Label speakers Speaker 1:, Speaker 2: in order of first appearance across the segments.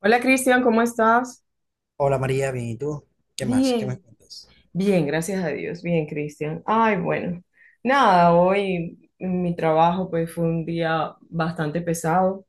Speaker 1: Hola Cristian, ¿cómo estás?
Speaker 2: Hola María, bien, ¿y tú? ¿Qué más? ¿Qué me
Speaker 1: Bien,
Speaker 2: cuentas?
Speaker 1: Bien, gracias a Dios, bien Cristian. Ay, bueno, nada, hoy mi trabajo pues fue un día bastante pesado.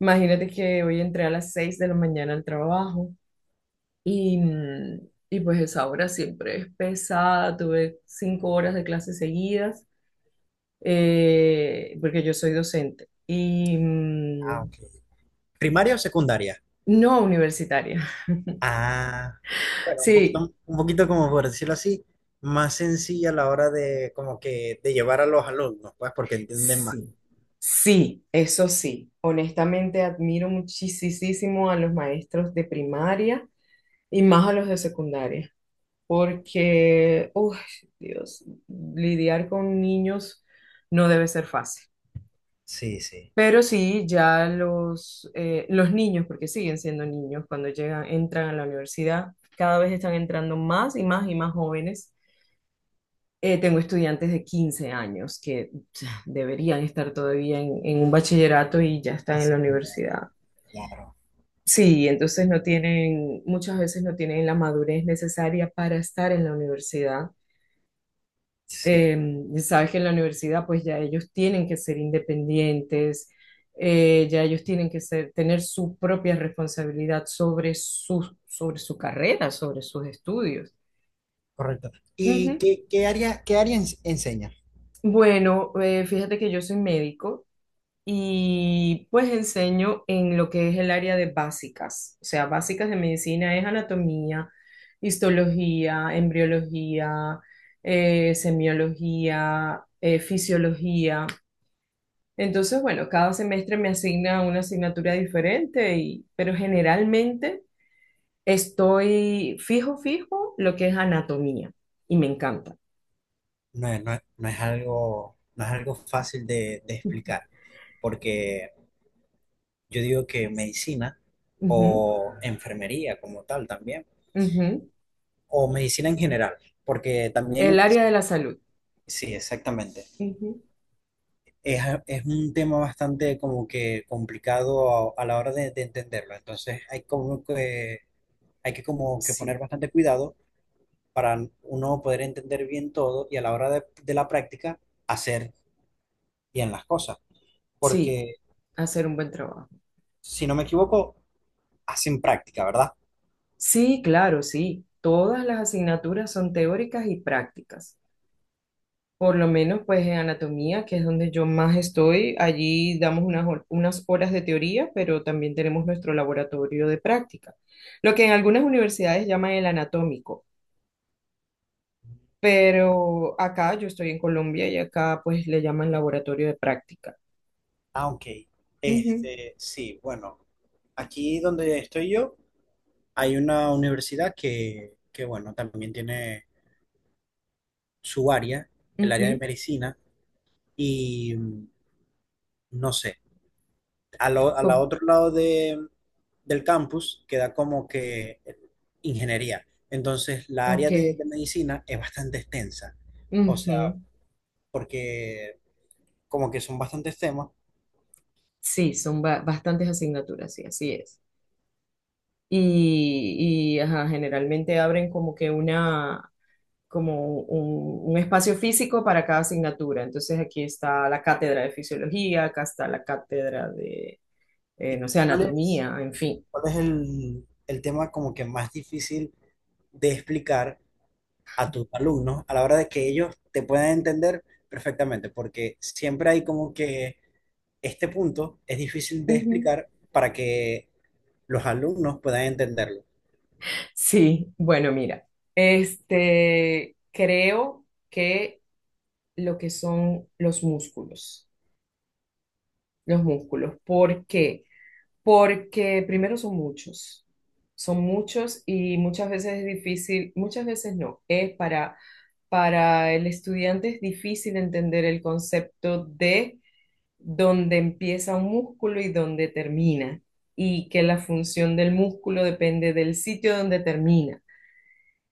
Speaker 1: Imagínate que hoy entré a las 6 de la mañana al trabajo y, y pues esa hora siempre es pesada. Tuve cinco horas de clases seguidas porque yo soy docente y
Speaker 2: Ah, ok. ¿Primaria o secundaria?
Speaker 1: no universitaria.
Speaker 2: Ah, bueno,
Speaker 1: Sí,
Speaker 2: un poquito como por decirlo así, más sencilla a la hora de como que de llevar a los alumnos, pues porque entienden más.
Speaker 1: Sí, sí, eso sí. Honestamente admiro muchísimo a los maestros de primaria y más a los de secundaria, porque, uy, Dios, lidiar con niños no debe ser fácil.
Speaker 2: Sí, sí.
Speaker 1: Pero sí, ya los niños, porque siguen siendo niños cuando llegan, entran a la universidad, cada vez están entrando más y más y más jóvenes. Tengo estudiantes de 15 años que deberían estar todavía en un bachillerato y ya
Speaker 2: En
Speaker 1: están en la
Speaker 2: secundaria,
Speaker 1: universidad.
Speaker 2: claro.
Speaker 1: Sí, entonces no tienen, muchas veces no tienen la madurez necesaria para estar en la universidad.
Speaker 2: Sí,
Speaker 1: Eh, sabes que en la universidad pues ya ellos tienen que ser independientes, ya ellos tienen que ser, tener su propia responsabilidad sobre sobre su carrera, sobre sus estudios.
Speaker 2: correcto. ¿Y
Speaker 1: Ujú.
Speaker 2: qué, qué área enseña?
Speaker 1: Bueno, fíjate que yo soy médico. Y pues enseño en lo que es el área de básicas, o sea, básicas de medicina es anatomía, histología, embriología, semiología, fisiología. Entonces, bueno, cada semestre me asigna una asignatura diferente, pero generalmente estoy fijo lo que es anatomía y me encanta.
Speaker 2: No, no, es no es algo, no es algo fácil de explicar, porque yo digo que medicina
Speaker 1: Ujú,
Speaker 2: o enfermería como tal también.
Speaker 1: ujú.
Speaker 2: O medicina en general, porque
Speaker 1: El
Speaker 2: también,
Speaker 1: área de la salud.
Speaker 2: sí, exactamente.
Speaker 1: Ujú.
Speaker 2: Es, es un tema bastante como que complicado a la hora de entenderlo. Entonces hay como que, hay que como que poner
Speaker 1: Sí,
Speaker 2: bastante cuidado para uno poder entender bien todo y a la hora de la práctica hacer bien las cosas.
Speaker 1: sí,
Speaker 2: Porque
Speaker 1: hacer un buen trabajo.
Speaker 2: si no me equivoco, hacen práctica, ¿verdad?
Speaker 1: Sí, claro, sí. Todas las asignaturas son teóricas y prácticas. Por lo menos, pues en anatomía, que es donde yo más estoy, allí damos unas, unas horas de teoría, pero también tenemos nuestro laboratorio de práctica, lo que en algunas universidades llaman el anatómico, pero acá yo estoy en Colombia y acá pues le llaman laboratorio de práctica.
Speaker 2: Ah, ok.
Speaker 1: Ujú,
Speaker 2: Este, sí, bueno, aquí donde estoy yo hay una universidad que bueno, también tiene su área, el área de
Speaker 1: ujú,
Speaker 2: medicina, y mm, no sé, a la
Speaker 1: co-
Speaker 2: otro lado de, del campus queda como que ingeniería. Entonces, la área
Speaker 1: ok.
Speaker 2: de medicina es bastante extensa, o sea,
Speaker 1: Ujú.
Speaker 2: porque como que son bastantes temas.
Speaker 1: Sí, son bastantes asignaturas, sí, así es. Ajá, generalmente abren como que una, como un espacio físico para cada asignatura. Entonces aquí está la cátedra de fisiología, acá está la cátedra de,
Speaker 2: ¿Y
Speaker 1: no sé, anatomía, en fin.
Speaker 2: cuál es el tema como que más difícil de explicar a tus alumnos a la hora de que ellos te puedan entender perfectamente? Porque siempre hay como que este punto es difícil de
Speaker 1: Ujú.
Speaker 2: explicar para que los alumnos puedan entenderlo.
Speaker 1: Sí, bueno, mira, este, creo que lo que son los músculos. Los músculos. ¿Por qué? Porque primero son muchos y muchas veces es difícil, muchas veces no, es para el estudiante es difícil entender el concepto de dónde empieza un músculo y dónde termina, y que la función del músculo depende del sitio donde termina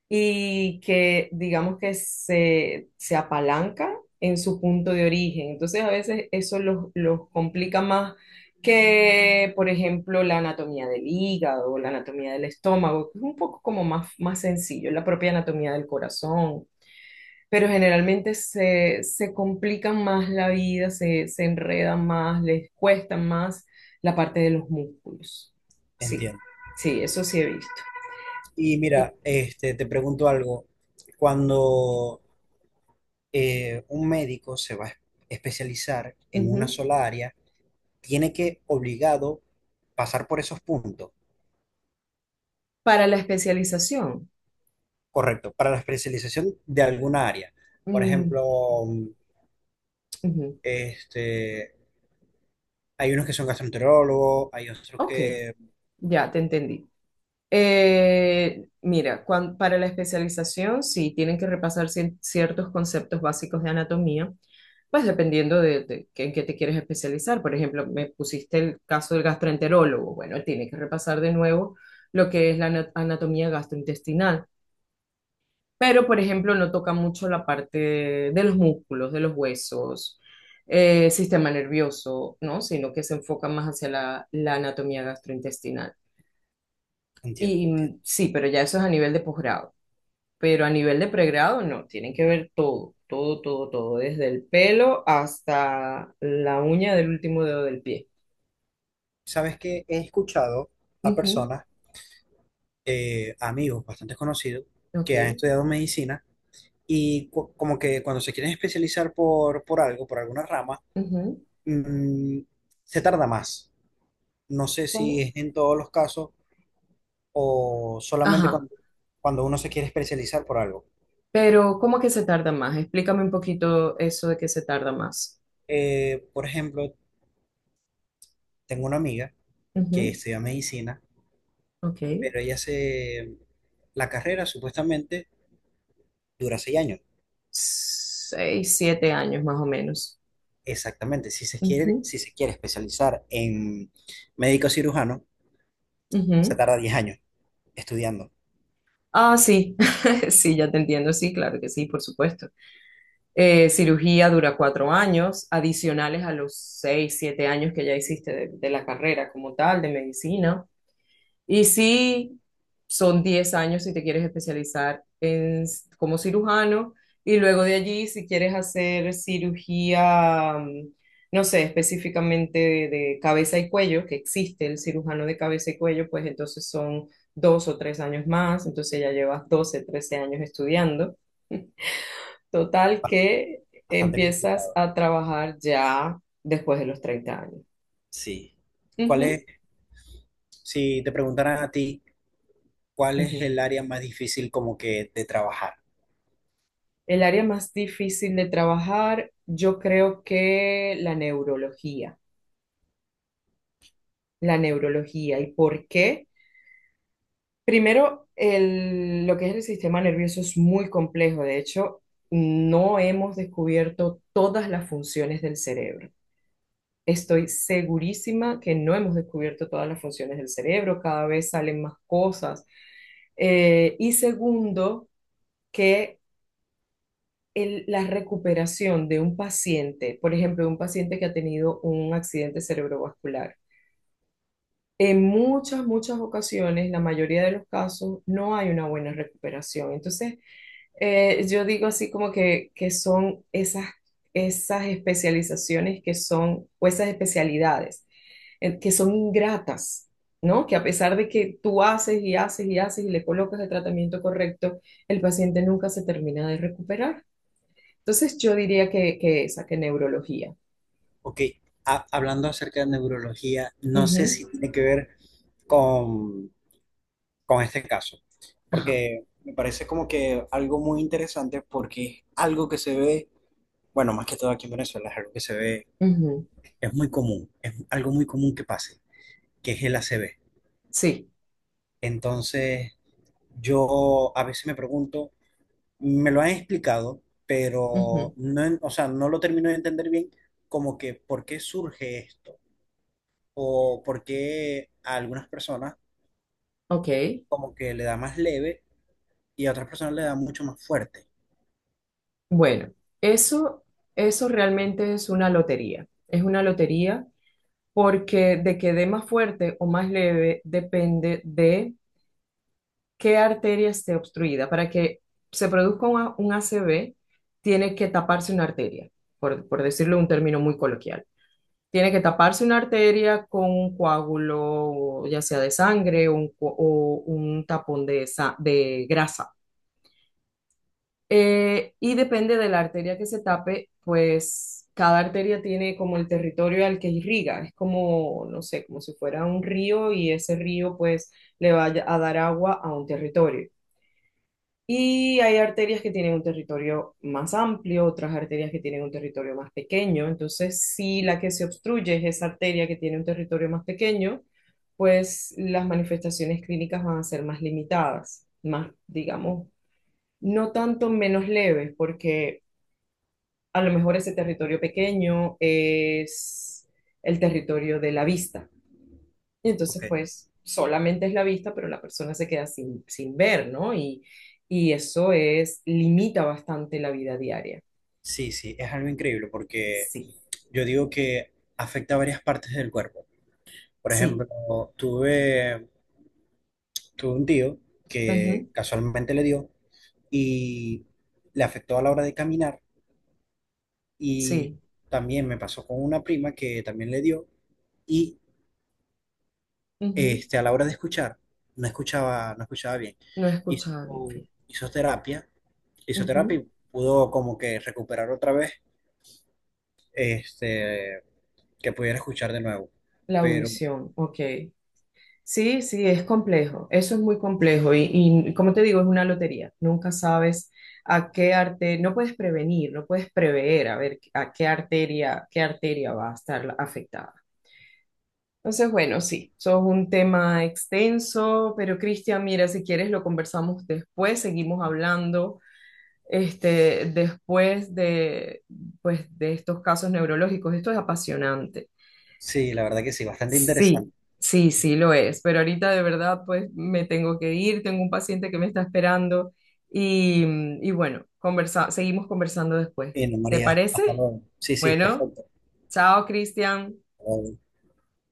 Speaker 1: y que digamos que se apalanca en su punto de origen. Entonces a veces eso los complica más que, por ejemplo, la anatomía del hígado o la anatomía del estómago, que es un poco como más, más sencillo, la propia anatomía del corazón. Pero generalmente se complican más la vida, se enredan más, les cuesta más la parte de los músculos. Sí,
Speaker 2: Entiendo.
Speaker 1: sí, eso sí he visto.
Speaker 2: Y
Speaker 1: Y,
Speaker 2: mira, este, te pregunto algo. Cuando un médico se va a especializar en una
Speaker 1: ujú.
Speaker 2: sola área, tiene que obligado pasar por esos puntos,
Speaker 1: Para la especialización.
Speaker 2: correcto, para la especialización de alguna área. Por
Speaker 1: Mm,
Speaker 2: ejemplo,
Speaker 1: ujú.
Speaker 2: este, hay unos que son gastroenterólogos, hay otros
Speaker 1: Ok,
Speaker 2: que...
Speaker 1: ya te entendí. Mira, cuan- para la especialización, sí, tienen que repasar ciertos conceptos básicos de anatomía, pues dependiendo de, en qué te quieres especializar. Por ejemplo, me pusiste el caso del gastroenterólogo. Bueno, él tiene que repasar de nuevo lo que es la anatomía gastrointestinal. Pero por ejemplo no toca mucho la parte de los músculos, de los huesos, sistema nervioso, ¿no? Sino que se enfoca más hacia la, la anatomía gastrointestinal.
Speaker 2: Entiendo,
Speaker 1: Y
Speaker 2: entiendo.
Speaker 1: sí, pero ya eso es a nivel de posgrado, pero a nivel de pregrado no, tienen que ver todo, todo, todo, todo, desde el pelo hasta la uña del último dedo del pie.
Speaker 2: ¿Sabes que he escuchado a
Speaker 1: Ujú,
Speaker 2: personas amigos bastante conocidos
Speaker 1: ok,
Speaker 2: que han estudiado medicina y como que cuando se quieren especializar por algo, por alguna rama,
Speaker 1: ujú,
Speaker 2: mm, se tarda más. No sé si
Speaker 1: ¿cómo?
Speaker 2: es en todos los casos o solamente
Speaker 1: Ajá,
Speaker 2: cuando, cuando uno se quiere especializar por algo.
Speaker 1: pero ¿cómo que se tarda más? Explícame un poquito eso de que se tarda más.
Speaker 2: Por ejemplo, tengo una amiga que
Speaker 1: Ujú.
Speaker 2: estudia medicina,
Speaker 1: Ok.
Speaker 2: pero ella se... La carrera supuestamente dura 6 años.
Speaker 1: Seis, siete años más o menos.
Speaker 2: Exactamente. Si se quiere,
Speaker 1: Ujú,
Speaker 2: si se quiere especializar en médico cirujano, se
Speaker 1: ujú.
Speaker 2: tarda 10 años estudiando.
Speaker 1: Ah, sí, sí, ya te entiendo, sí, claro que sí, por supuesto. Cirugía dura 4 años, adicionales a los 6, 7 años que ya hiciste de la carrera como tal, de medicina. Y sí, son 10 años si te quieres especializar en, como cirujano y luego de allí si quieres hacer cirugía, no sé, específicamente de cabeza y cuello, que existe el cirujano de cabeza y cuello, pues entonces son 2 o 3 años más, entonces ya llevas 12 13 años estudiando. Total
Speaker 2: Ba-
Speaker 1: que
Speaker 2: Bastante
Speaker 1: empiezas
Speaker 2: complicado.
Speaker 1: a trabajar ya después de los 30 años.
Speaker 2: Sí. ¿Cuál es,
Speaker 1: Ujú,
Speaker 2: si te preguntaran a ti, cuál es
Speaker 1: ujú.
Speaker 2: el área más difícil como que de trabajar?
Speaker 1: El área más difícil de trabajar, yo creo que la neurología, la neurología. ¿Y por qué? Primero, lo que es el sistema nervioso es muy complejo. De hecho, no hemos descubierto todas las funciones del cerebro. Estoy segurísima que no hemos descubierto todas las funciones del cerebro. Cada vez salen más cosas. Y segundo, que la recuperación de un paciente, por ejemplo, un paciente que ha tenido un accidente cerebrovascular. En muchas, muchas ocasiones, la mayoría de los casos, no hay una buena recuperación. Entonces, yo digo así como que son esas, esas especializaciones que son, o esas especialidades, que son ingratas, ¿no? Que a pesar de que tú haces y haces y haces y le colocas el tratamiento correcto, el paciente nunca se termina de recuperar. Entonces yo diría que esa, que neurología.
Speaker 2: Ok, hablando acerca de neurología, no
Speaker 1: Ujú,
Speaker 2: sé si tiene que ver con, con este caso,
Speaker 1: ajá.
Speaker 2: porque me parece como que algo muy interesante porque es algo que se ve, bueno, más que todo aquí en Venezuela, es algo que se ve,
Speaker 1: Ujú,
Speaker 2: es muy común, es algo muy común que pase, que es el ACV.
Speaker 1: sí.
Speaker 2: Entonces, yo a veces me pregunto, me lo han explicado, pero
Speaker 1: Ujú,
Speaker 2: no, o sea, no lo termino de entender bien, como que por qué surge esto, o por qué a algunas personas
Speaker 1: ok.
Speaker 2: como que le da más leve y a otras personas le da mucho más fuerte.
Speaker 1: Bueno, eso, eso realmente es una lotería. Es una lotería porque de que dé más fuerte o más leve depende de qué arteria esté obstruida. Para que se produzca un, un ACV, tiene que taparse una arteria, por decirlo en un término muy coloquial. Tiene que taparse una arteria con un coágulo, ya sea de sangre o un, o un tapón de, de grasa. Y depende de la arteria que se tape, pues cada arteria tiene como el territorio al que irriga. Es como, no sé, como si fuera un río y ese río pues le va a dar agua a un territorio. Y hay arterias que tienen un territorio más amplio, otras arterias que tienen un territorio más pequeño. Entonces, si la que se obstruye es esa arteria que tiene un territorio más pequeño, pues las manifestaciones clínicas van a ser más limitadas, más, digamos, no tanto menos leves, porque a lo mejor ese territorio pequeño es el territorio de la vista y
Speaker 2: Ok.
Speaker 1: entonces, pues, solamente es la vista, pero la persona se queda sin, sin ver, ¿no? Y eso es, limita bastante la vida diaria.
Speaker 2: Sí, sí, es algo increíble porque
Speaker 1: Sí,
Speaker 2: yo digo que afecta a varias partes del cuerpo. Por
Speaker 1: sí,
Speaker 2: ejemplo, tuve, tuve un tío que
Speaker 1: ujú,
Speaker 2: casualmente le dio y le afectó a la hora de caminar y
Speaker 1: sí,
Speaker 2: también me pasó con una prima que también le dio y
Speaker 1: ujú.
Speaker 2: este, a la hora de escuchar no escuchaba bien.
Speaker 1: No he
Speaker 2: Hizo,
Speaker 1: escuchado bien, fíjate.
Speaker 2: hizo terapia, hizo
Speaker 1: Ujú.
Speaker 2: terapia y pudo como que recuperar otra vez este, que pudiera escuchar de nuevo.
Speaker 1: La
Speaker 2: Pero
Speaker 1: audición, ok. Sí, sí, es complejo, eso es muy complejo y, como te digo, es una lotería, nunca sabes a qué arte, no puedes prevenir, no puedes prever a ver a qué arteria va a estar afectada. Entonces, bueno, sí, eso es un tema extenso, pero Cristian, mira, si quieres lo conversamos después, seguimos hablando este, después de, pues, de estos casos neurológicos. Esto es apasionante.
Speaker 2: sí, la verdad que sí, bastante interesante.
Speaker 1: Sí, sí, sí lo es, pero ahorita de verdad, pues me tengo que ir, tengo un paciente que me está esperando y, y bueno, conversa, seguimos conversando después.
Speaker 2: Bueno,
Speaker 1: ¿Te
Speaker 2: María,
Speaker 1: parece?
Speaker 2: hasta luego. Sí, sí, es
Speaker 1: Bueno,
Speaker 2: perfecto.
Speaker 1: chao, Cristian.